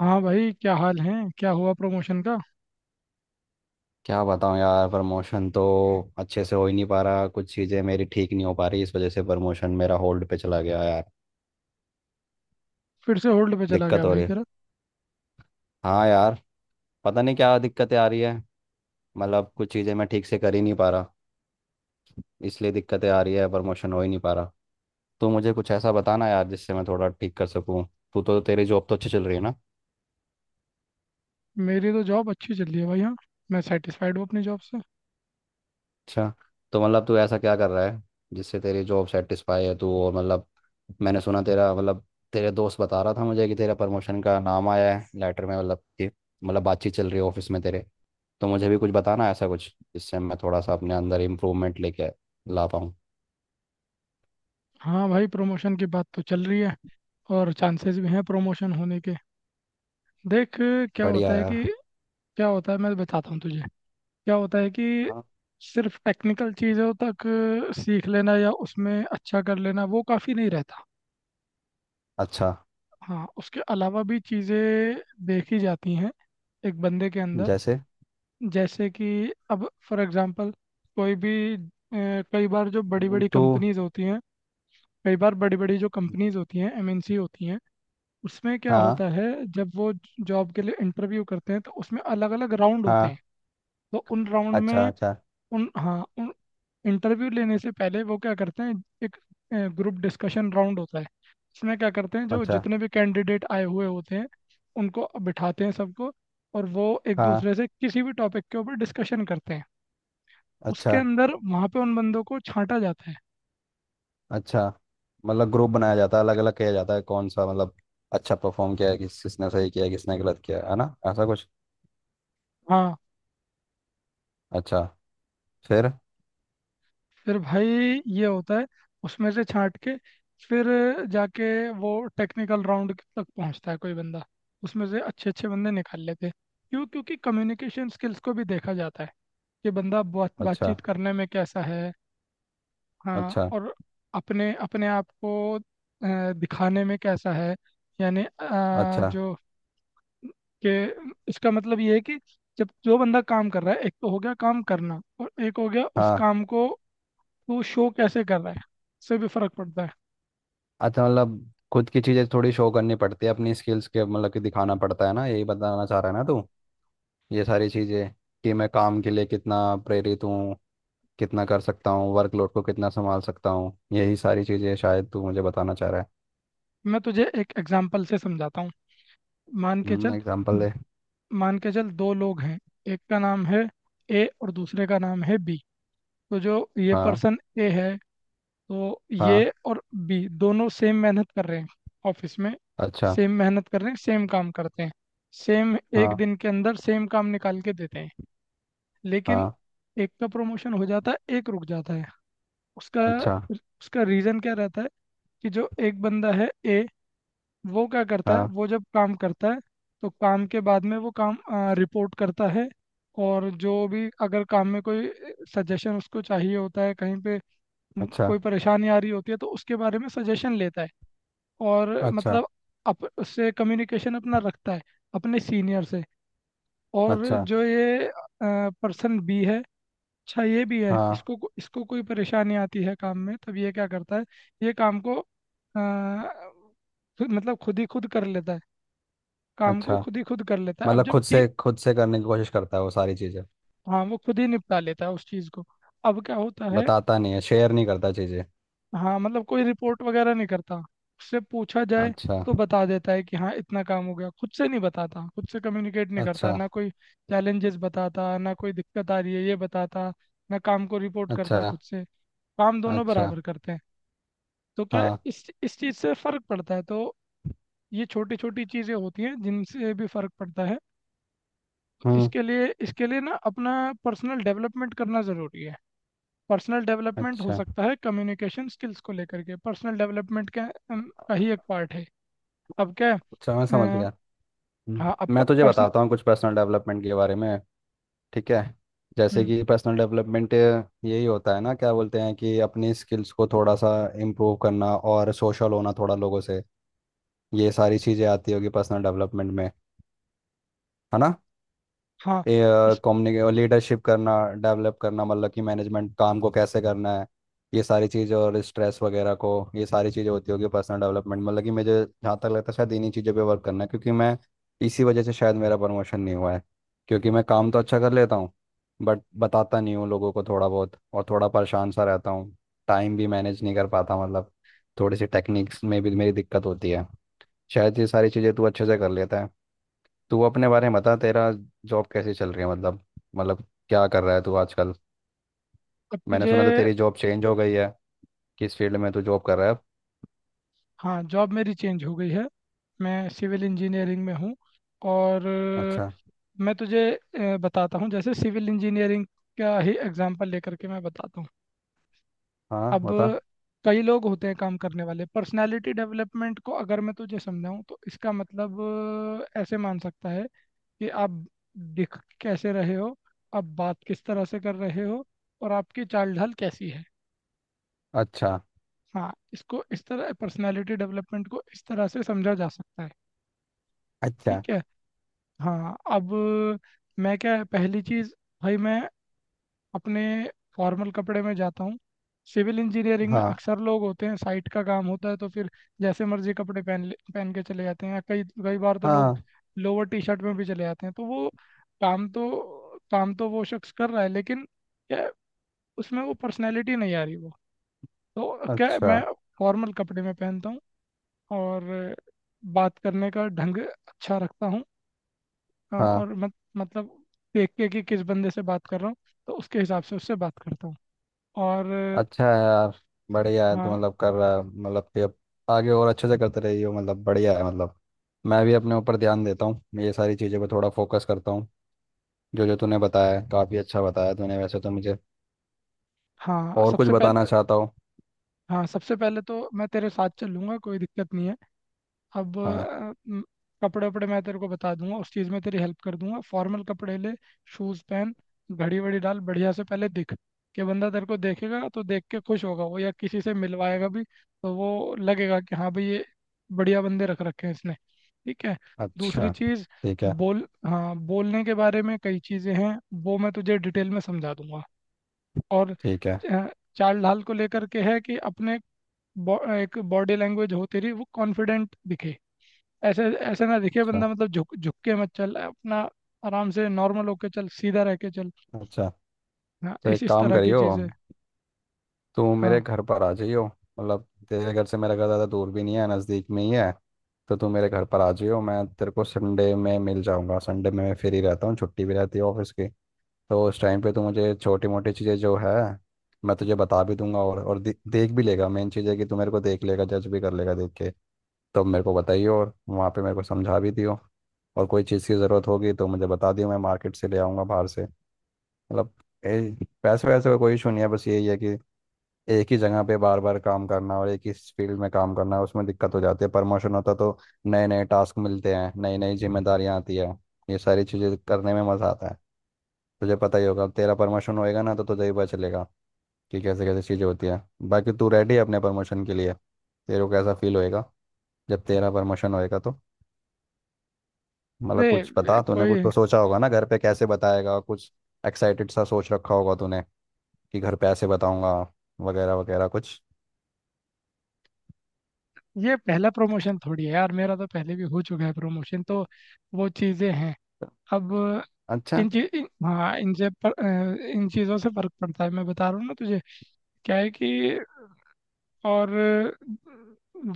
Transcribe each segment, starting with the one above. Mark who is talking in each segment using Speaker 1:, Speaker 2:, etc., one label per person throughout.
Speaker 1: हाँ भाई, क्या हाल है। क्या हुआ प्रमोशन का।
Speaker 2: क्या बताऊं यार। प्रमोशन तो अच्छे से हो ही नहीं पा रहा। कुछ चीज़ें मेरी ठीक नहीं हो पा रही। इस वजह से प्रमोशन मेरा होल्ड पे चला गया यार।
Speaker 1: फिर से होल्ड पे चला गया
Speaker 2: दिक्कत हो
Speaker 1: भाई
Speaker 2: रही है।
Speaker 1: तेरा।
Speaker 2: हाँ यार। पता नहीं क्या दिक्कतें आ रही है। मतलब कुछ चीज़ें मैं ठीक से कर ही नहीं पा रहा। इसलिए दिक्कतें आ रही है। प्रमोशन हो ही नहीं पा रहा। तो मुझे कुछ ऐसा बताना यार जिससे मैं थोड़ा ठीक कर सकूँ। तू तो तेरी जॉब तो अच्छी चल रही है ना।
Speaker 1: मेरी तो जॉब अच्छी चल रही है भाई, हाँ। मैं सेटिस्फाइड हूँ अपनी जॉब से।
Speaker 2: अच्छा। तो मतलब तू ऐसा क्या कर रहा है जिससे तेरी जॉब सेटिस्फाई है तू। और मतलब मैंने सुना तेरा मतलब तेरे दोस्त बता रहा था मुझे कि तेरा प्रमोशन का नाम आया है लेटर में। मतलब कि मतलब बातचीत चल रही है ऑफिस में तेरे। तो मुझे भी कुछ बताना ऐसा कुछ जिससे मैं थोड़ा सा अपने अंदर इम्प्रूवमेंट लेके ला पाऊँ।
Speaker 1: हाँ भाई, प्रमोशन की बात तो चल रही है, और चांसेस भी हैं प्रमोशन होने के। देख, क्या
Speaker 2: बढ़िया
Speaker 1: होता है कि,
Speaker 2: यार।
Speaker 1: क्या होता है मैं बताता हूँ तुझे। क्या होता है कि
Speaker 2: हाँ।
Speaker 1: सिर्फ टेक्निकल चीज़ों तक सीख लेना या उसमें अच्छा कर लेना, वो काफ़ी नहीं रहता।
Speaker 2: अच्छा।
Speaker 1: हाँ, उसके अलावा भी चीज़ें देखी जाती हैं एक बंदे के अंदर।
Speaker 2: जैसे।
Speaker 1: जैसे कि, अब फॉर एग्जांपल, कोई भी कई बार जो बड़ी बड़ी
Speaker 2: तो।
Speaker 1: कंपनीज होती हैं, कई बार बड़ी बड़ी जो कंपनीज होती हैं एमएनसी होती हैं, उसमें क्या
Speaker 2: हाँ।
Speaker 1: होता है, जब वो जॉब के लिए इंटरव्यू करते हैं तो उसमें अलग अलग राउंड होते हैं।
Speaker 2: हाँ।
Speaker 1: तो उन राउंड
Speaker 2: अच्छा
Speaker 1: में,
Speaker 2: अच्छा।
Speaker 1: उन इंटरव्यू लेने से पहले वो क्या करते हैं। एक ग्रुप डिस्कशन राउंड होता है। इसमें क्या करते हैं, जो
Speaker 2: अच्छा।
Speaker 1: जितने भी कैंडिडेट आए हुए होते हैं उनको बिठाते हैं सबको, और वो एक
Speaker 2: हाँ।
Speaker 1: दूसरे से किसी भी टॉपिक के ऊपर डिस्कशन करते हैं। उसके
Speaker 2: अच्छा।
Speaker 1: अंदर वहां पे उन बंदों को छांटा जाता है।
Speaker 2: अच्छा मतलब ग्रुप बनाया जाता है अलग अलग किया जाता है। कौन सा मतलब अच्छा परफॉर्म किया है। किस किसने सही किया है किसने गलत किया है ना ऐसा कुछ।
Speaker 1: हाँ।
Speaker 2: अच्छा। फिर।
Speaker 1: फिर भाई ये होता है, उसमें से छांट के फिर जाके वो टेक्निकल राउंड तक पहुंचता है कोई बंदा। उसमें से अच्छे अच्छे बंदे निकाल लेते हैं। क्यों? क्योंकि कम्युनिकेशन स्किल्स को भी देखा जाता है, कि बंदा बात
Speaker 2: अच्छा।
Speaker 1: बातचीत करने में कैसा है। हाँ,
Speaker 2: अच्छा।
Speaker 1: और अपने अपने आप को दिखाने में कैसा है। यानी
Speaker 2: अच्छा।
Speaker 1: जो कि, इसका मतलब ये है कि जब जो बंदा काम कर रहा है, एक तो हो गया काम करना और एक हो गया उस
Speaker 2: हाँ।
Speaker 1: काम को तू शो कैसे कर रहा है। इससे भी फर्क पड़ता है।
Speaker 2: अच्छा मतलब खुद की चीज़ें थोड़ी शो करनी पड़ती है अपनी स्किल्स के। मतलब कि दिखाना पड़ता है ना। यही बताना चाह रहा है ना तू ये सारी चीज़ें। कि मैं काम के लिए कितना प्रेरित हूँ कितना कर सकता हूँ। वर्कलोड को कितना संभाल सकता हूँ। यही सारी चीज़ें शायद तू मुझे बताना चाह रहा है।
Speaker 1: मैं तुझे एक एग्जांपल से समझाता हूँ। मान के चल
Speaker 2: एग्जाम्पल दे।
Speaker 1: मान के चल दो लोग हैं। एक का नाम है ए और दूसरे का नाम है बी। तो जो ये
Speaker 2: हाँ।
Speaker 1: पर्सन ए है, तो ये
Speaker 2: हाँ।
Speaker 1: और बी दोनों सेम मेहनत कर रहे हैं ऑफिस में।
Speaker 2: अच्छा।
Speaker 1: सेम मेहनत कर रहे हैं, सेम काम करते हैं। सेम एक
Speaker 2: हाँ।
Speaker 1: दिन के अंदर सेम काम निकाल के देते हैं। लेकिन
Speaker 2: हाँ।
Speaker 1: एक का प्रमोशन हो जाता है, एक रुक जाता है। उसका
Speaker 2: अच्छा।
Speaker 1: उसका रीज़न क्या रहता है। कि जो एक बंदा है, ए, वो क्या करता है,
Speaker 2: हाँ।
Speaker 1: वो जब काम करता है तो काम के बाद में वो काम रिपोर्ट करता है। और जो भी अगर काम में कोई सजेशन उसको चाहिए होता है कहीं पे,
Speaker 2: अच्छा।
Speaker 1: कोई परेशानी आ रही होती है तो उसके बारे में सजेशन लेता है। और
Speaker 2: अच्छा।
Speaker 1: मतलब, उससे कम्युनिकेशन अपना रखता है अपने सीनियर से। और
Speaker 2: अच्छा।
Speaker 1: जो ये पर्सन बी है, अच्छा ये भी है,
Speaker 2: हाँ।
Speaker 1: इसको कोई परेशानी आती है काम में तब ये क्या करता है, ये काम को मतलब खुद ही खुद कर लेता है। काम को
Speaker 2: अच्छा
Speaker 1: खुद ही खुद कर लेता है। अब
Speaker 2: मतलब
Speaker 1: जब टी
Speaker 2: खुद से करने की कोशिश करता है वो सारी चीज़ें।
Speaker 1: हाँ, वो खुद ही निपटा लेता है उस चीज़ को। अब क्या होता है,
Speaker 2: बताता नहीं है शेयर नहीं करता चीज़ें।
Speaker 1: हाँ मतलब कोई रिपोर्ट वगैरह नहीं करता। उससे पूछा जाए
Speaker 2: अच्छा।
Speaker 1: तो बता देता है कि हाँ इतना काम हो गया। खुद से नहीं बताता, खुद से कम्युनिकेट नहीं करता, ना
Speaker 2: अच्छा।
Speaker 1: कोई चैलेंजेस बताता, ना कोई दिक्कत आ रही है ये बताता, ना काम को रिपोर्ट
Speaker 2: अच्छा।
Speaker 1: करता खुद से। काम दोनों
Speaker 2: अच्छा।
Speaker 1: बराबर करते हैं। तो क्या है,
Speaker 2: हाँ।
Speaker 1: इस चीज़ से फर्क पड़ता है। तो ये छोटी छोटी चीज़ें होती हैं जिनसे भी फर्क पड़ता है।
Speaker 2: हम्म।
Speaker 1: इसके लिए ना अपना पर्सनल डेवलपमेंट करना ज़रूरी है। पर्सनल डेवलपमेंट हो
Speaker 2: अच्छा।
Speaker 1: सकता है, कम्युनिकेशन स्किल्स को लेकर के पर्सनल डेवलपमेंट का अम, का ही एक पार्ट है। अब क्या है,
Speaker 2: अच्छा मैं समझ
Speaker 1: अ,
Speaker 2: गया।
Speaker 1: हाँ अब
Speaker 2: मैं तुझे
Speaker 1: पर्सनल,
Speaker 2: बताता हूँ कुछ पर्सनल डेवलपमेंट के बारे में। ठीक है। जैसे कि पर्सनल डेवलपमेंट यही होता है ना। क्या बोलते हैं कि अपनी स्किल्स को थोड़ा सा इम्प्रूव करना और सोशल होना थोड़ा लोगों से। ये सारी चीज़ें आती होगी पर्सनल डेवलपमेंट में। है ना।
Speaker 1: हाँ
Speaker 2: ये
Speaker 1: इस,
Speaker 2: कम्युनिके लीडरशिप करना डेवलप करना। मतलब कि मैनेजमेंट काम को कैसे करना है। ये सारी चीज़ें और स्ट्रेस वगैरह को। ये सारी चीज़ें होती होगी पर्सनल डेवलपमेंट। मतलब कि मुझे जहाँ तक लगता है शायद इन्हीं चीज़ों पे वर्क करना है, क्योंकि मैं इसी वजह से शायद मेरा प्रमोशन नहीं हुआ है। क्योंकि मैं काम तो अच्छा कर लेता हूँ बट बताता नहीं हूँ लोगों को थोड़ा बहुत, और थोड़ा परेशान सा रहता हूँ। टाइम भी मैनेज नहीं कर पाता। मतलब थोड़ी सी टेक्निक्स में भी मेरी दिक्कत होती है। शायद ये सारी चीज़ें तू अच्छे से कर लेता है। तू अपने बारे में बता। तेरा जॉब कैसे चल रही है। मतलब क्या कर रहा है तू आजकल।
Speaker 1: अब
Speaker 2: मैंने
Speaker 1: तुझे,
Speaker 2: सुना था तेरी जॉब चेंज हो गई है। किस फील्ड में तू जॉब कर रहा है अब?
Speaker 1: हाँ जॉब मेरी चेंज हो गई है। मैं सिविल इंजीनियरिंग में हूँ। और
Speaker 2: अच्छा।
Speaker 1: मैं तुझे बताता हूँ, जैसे सिविल इंजीनियरिंग का ही एग्जांपल लेकर के मैं बताता हूँ।
Speaker 2: हाँ
Speaker 1: अब
Speaker 2: बता।
Speaker 1: कई लोग होते हैं काम करने वाले, पर्सनालिटी डेवलपमेंट को अगर मैं तुझे समझाऊँ तो इसका मतलब ऐसे मान सकता है कि आप दिख कैसे रहे हो, आप बात किस तरह से कर रहे हो, और आपकी चाल ढाल कैसी है।
Speaker 2: अच्छा।
Speaker 1: हाँ, इसको इस तरह, पर्सनालिटी डेवलपमेंट को इस तरह से समझा जा सकता है।
Speaker 2: अच्छा।
Speaker 1: ठीक है। हाँ अब, मैं क्या, पहली चीज़ भाई, मैं अपने फॉर्मल कपड़े में जाता हूँ। सिविल इंजीनियरिंग में
Speaker 2: हाँ।
Speaker 1: अक्सर लोग होते हैं, साइट का काम होता है तो फिर जैसे मर्जी कपड़े पहन के चले जाते हैं, या कई कई बार तो लोग
Speaker 2: हाँ।
Speaker 1: लोअर टी शर्ट में भी चले जाते हैं। तो वो काम तो, काम तो वो शख्स कर रहा है, लेकिन क्या, उसमें वो पर्सनैलिटी नहीं आ रही वो। तो क्या
Speaker 2: अच्छा।
Speaker 1: मैं फॉर्मल कपड़े में पहनता हूँ और बात करने का ढंग अच्छा रखता हूँ।
Speaker 2: हाँ।
Speaker 1: और मत, मतलब देख के कि किस बंदे से बात कर रहा हूँ तो उसके हिसाब से उससे बात करता हूँ। और
Speaker 2: अच्छा है यार। बढ़िया है तू।
Speaker 1: हाँ,
Speaker 2: मतलब कर रहा है मतलब कि अब आगे और अच्छे से करते रही हो। मतलब बढ़िया है मतलब। मैं भी अपने ऊपर ध्यान देता हूँ। मैं ये सारी चीज़ों पे थोड़ा फोकस करता हूँ। जो जो तूने बताया काफ़ी अच्छा बताया तूने वैसे तो मुझे।
Speaker 1: हाँ
Speaker 2: और कुछ
Speaker 1: सबसे
Speaker 2: बताना
Speaker 1: पहले
Speaker 2: चाहता हूँ।
Speaker 1: हाँ सबसे पहले तो मैं तेरे साथ चलूंगा, कोई दिक्कत नहीं है। अब
Speaker 2: हाँ।
Speaker 1: कपड़े वपड़े मैं तेरे को बता दूंगा, उस चीज़ में तेरी हेल्प कर दूंगा। फॉर्मल कपड़े ले, शूज़ पहन, घड़ी वड़ी डाल, बढ़िया से पहले दिख, कि बंदा तेरे को देखेगा तो देख के खुश होगा वो, या किसी से मिलवाएगा भी तो वो लगेगा कि हाँ भाई, ये बढ़िया बंदे रख रखे हैं इसने। ठीक है। दूसरी
Speaker 2: अच्छा।
Speaker 1: चीज़,
Speaker 2: ठीक है।
Speaker 1: बोल, हाँ, बोलने के बारे में कई चीज़ें हैं, वो मैं तुझे डिटेल में समझा दूंगा। और
Speaker 2: ठीक है।
Speaker 1: अ, चाल ढाल को लेकर के है कि अपने एक बॉडी लैंग्वेज होती रही वो कॉन्फिडेंट दिखे। ऐसे, ऐसे ना दिखे
Speaker 2: अच्छा।
Speaker 1: बंदा, मतलब झुक झुक के मत चल अपना, आराम से नॉर्मल होके चल, सीधा रह के चल।
Speaker 2: अच्छा।
Speaker 1: हाँ,
Speaker 2: तो
Speaker 1: इस
Speaker 2: एक
Speaker 1: इस
Speaker 2: काम
Speaker 1: तरह की
Speaker 2: करियो।
Speaker 1: चीज़ें।
Speaker 2: तू
Speaker 1: हाँ
Speaker 2: मेरे घर पर आ जाइयो। मतलब तेरे घर से मेरा घर ज़्यादा दूर भी नहीं है, नज़दीक में ही है। तो तू मेरे घर पर आ जाइयो। मैं तेरे को संडे में मिल जाऊंगा। संडे में मैं फ्री रहता हूँ, छुट्टी भी रहती है ऑफिस की। तो उस टाइम पे तू मुझे छोटी मोटी चीज़ें जो है मैं तुझे बता भी दूंगा, और देख भी लेगा। मेन चीज़ है कि तू मेरे को देख लेगा जज भी कर लेगा देख के। तो मेरे को बताइयो और वहाँ पे मेरे को समझा भी दियो। और कोई चीज़ की ज़रूरत होगी तो मुझे बता दियो, मैं मार्केट से ले आऊँगा बाहर से। मतलब पैसे वैसे का कोई इशू नहीं है। बस यही है कि एक ही जगह पे बार बार काम करना और एक ही फील्ड में काम करना उसमें दिक्कत हो जाती है। प्रमोशन होता तो नए नए टास्क मिलते हैं, नई नई जिम्मेदारियां आती है। ये सारी चीज़ें करने में मज़ा आता है। तुझे पता ही होगा, तेरा प्रमोशन होएगा ना तो तुझे ही पता चलेगा कि कैसे कैसे चीज़ें होती है। बाकी तू रेडी है अपने प्रमोशन के लिए? तेरे को कैसा फील होएगा जब तेरा प्रमोशन होएगा तो? मतलब
Speaker 1: अरे,
Speaker 2: कुछ बता। तूने
Speaker 1: कोई,
Speaker 2: कुछ तो सोचा होगा ना, घर पे कैसे बताएगा कुछ, एक्साइटेड सा सोच रखा होगा तूने कि घर पैसे बताऊंगा वगैरह वगैरह कुछ।
Speaker 1: ये पहला प्रमोशन थोड़ी है यार मेरा, तो पहले भी हो चुका है प्रमोशन तो। वो चीज़ें हैं। अब
Speaker 2: अच्छा।
Speaker 1: इन चीज इन, हाँ इनसे पर, अ, इन चीज़ों से फर्क पड़ता है, मैं बता रहा हूँ ना तुझे। क्या है कि, और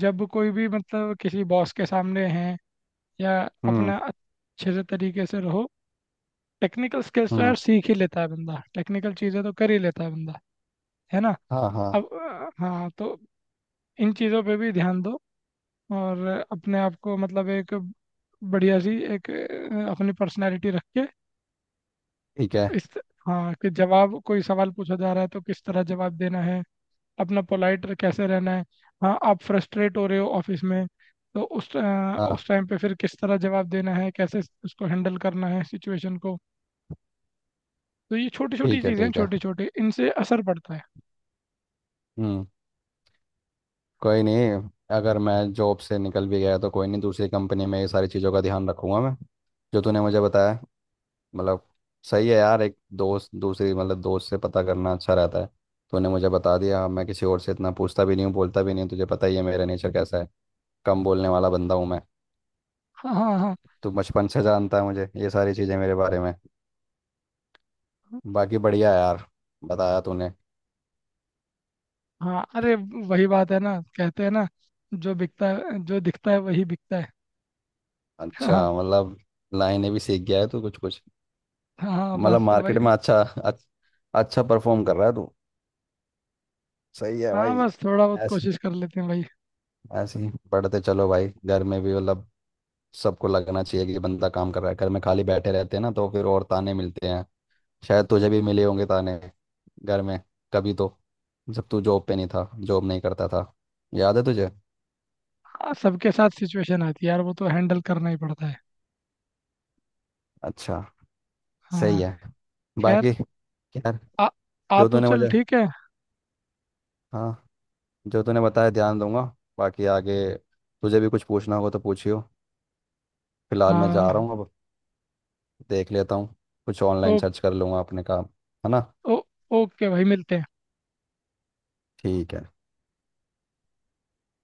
Speaker 1: जब कोई भी मतलब किसी बॉस के सामने हैं या,
Speaker 2: हम्म।
Speaker 1: अपना अच्छे से तरीके से रहो। टेक्निकल स्किल्स तो
Speaker 2: हम्म।
Speaker 1: यार सीख ही लेता है बंदा, टेक्निकल चीज़ें तो कर ही लेता है बंदा, है ना।
Speaker 2: हाँ। हाँ।
Speaker 1: अब हाँ तो, इन चीज़ों पे भी ध्यान दो। और अपने आप को मतलब एक बढ़िया सी एक अपनी पर्सनालिटी रख के
Speaker 2: ठीक है।
Speaker 1: इस, हाँ कि जवाब, कोई सवाल पूछा जा रहा है तो किस तरह जवाब देना है, अपना पोलाइट कैसे रहना है। हाँ, आप फ्रस्ट्रेट हो रहे हो ऑफिस में तो
Speaker 2: हाँ।
Speaker 1: उस टाइम पे फिर किस तरह जवाब देना है, कैसे उसको हैंडल करना है सिचुएशन को। तो ये छोटी छोटी
Speaker 2: ठीक है।
Speaker 1: चीज़ें हैं,
Speaker 2: ठीक है।
Speaker 1: छोटी छोटी, इनसे असर पड़ता है।
Speaker 2: हम्म। कोई नहीं। अगर मैं जॉब से निकल भी गया तो कोई नहीं, दूसरी कंपनी में ये सारी चीज़ों का ध्यान रखूंगा मैं, जो तूने मुझे बताया। मतलब सही है यार, एक दोस्त दूसरी मतलब दोस्त से पता करना अच्छा रहता है। तूने मुझे बता दिया। मैं किसी और से इतना पूछता भी नहीं हूँ बोलता भी नहीं हूँ, तुझे पता ही है मेरा नेचर कैसा है। कम बोलने वाला बंदा हूँ मैं।
Speaker 1: हाँ, हाँ, हाँ।
Speaker 2: तू बचपन से जानता है मुझे, ये सारी चीज़ें मेरे बारे में। बाकी बढ़िया यार, बताया तूने।
Speaker 1: हाँ अरे, वही बात है ना, कहते हैं ना, जो बिकता है, जो दिखता है वही बिकता है।
Speaker 2: अच्छा
Speaker 1: हाँ,
Speaker 2: मतलब लाइनें भी सीख गया है तू कुछ कुछ।
Speaker 1: हाँ
Speaker 2: मतलब
Speaker 1: बस वही
Speaker 2: मार्केट में अच्छा अच्छा परफॉर्म कर रहा है तू। सही है
Speaker 1: हाँ
Speaker 2: भाई।
Speaker 1: बस, थोड़ा बहुत
Speaker 2: ऐसे
Speaker 1: कोशिश कर लेते हैं भाई।
Speaker 2: ऐसे ही बढ़ते चलो भाई। घर में भी मतलब सबको लगना चाहिए कि बंदा काम कर रहा है। घर में खाली बैठे रहते हैं ना तो फिर और ताने मिलते हैं। शायद तुझे भी मिले होंगे ताने घर में, कभी तो, जब तू जॉब पे नहीं था, जॉब नहीं करता था। याद है तुझे?
Speaker 1: हाँ, सबके साथ सिचुएशन आती है यार, वो तो हैंडल करना ही पड़ता है।
Speaker 2: अच्छा। सही
Speaker 1: हाँ,
Speaker 2: है। बाकी
Speaker 1: खैर,
Speaker 2: यार
Speaker 1: आ, आ
Speaker 2: जो
Speaker 1: तो
Speaker 2: तूने
Speaker 1: चल
Speaker 2: मुझे,
Speaker 1: ठीक है।
Speaker 2: हाँ, जो तूने बताया ध्यान दूंगा। बाकी आगे तुझे भी कुछ पूछना होगा तो पूछियो। फिलहाल मैं जा रहा
Speaker 1: हाँ,
Speaker 2: हूँ अब। देख लेता हूँ, कुछ ऑनलाइन सर्च कर लूँगा अपने काम। है ना।
Speaker 1: ओ, ओके भाई, मिलते हैं।
Speaker 2: ठीक है।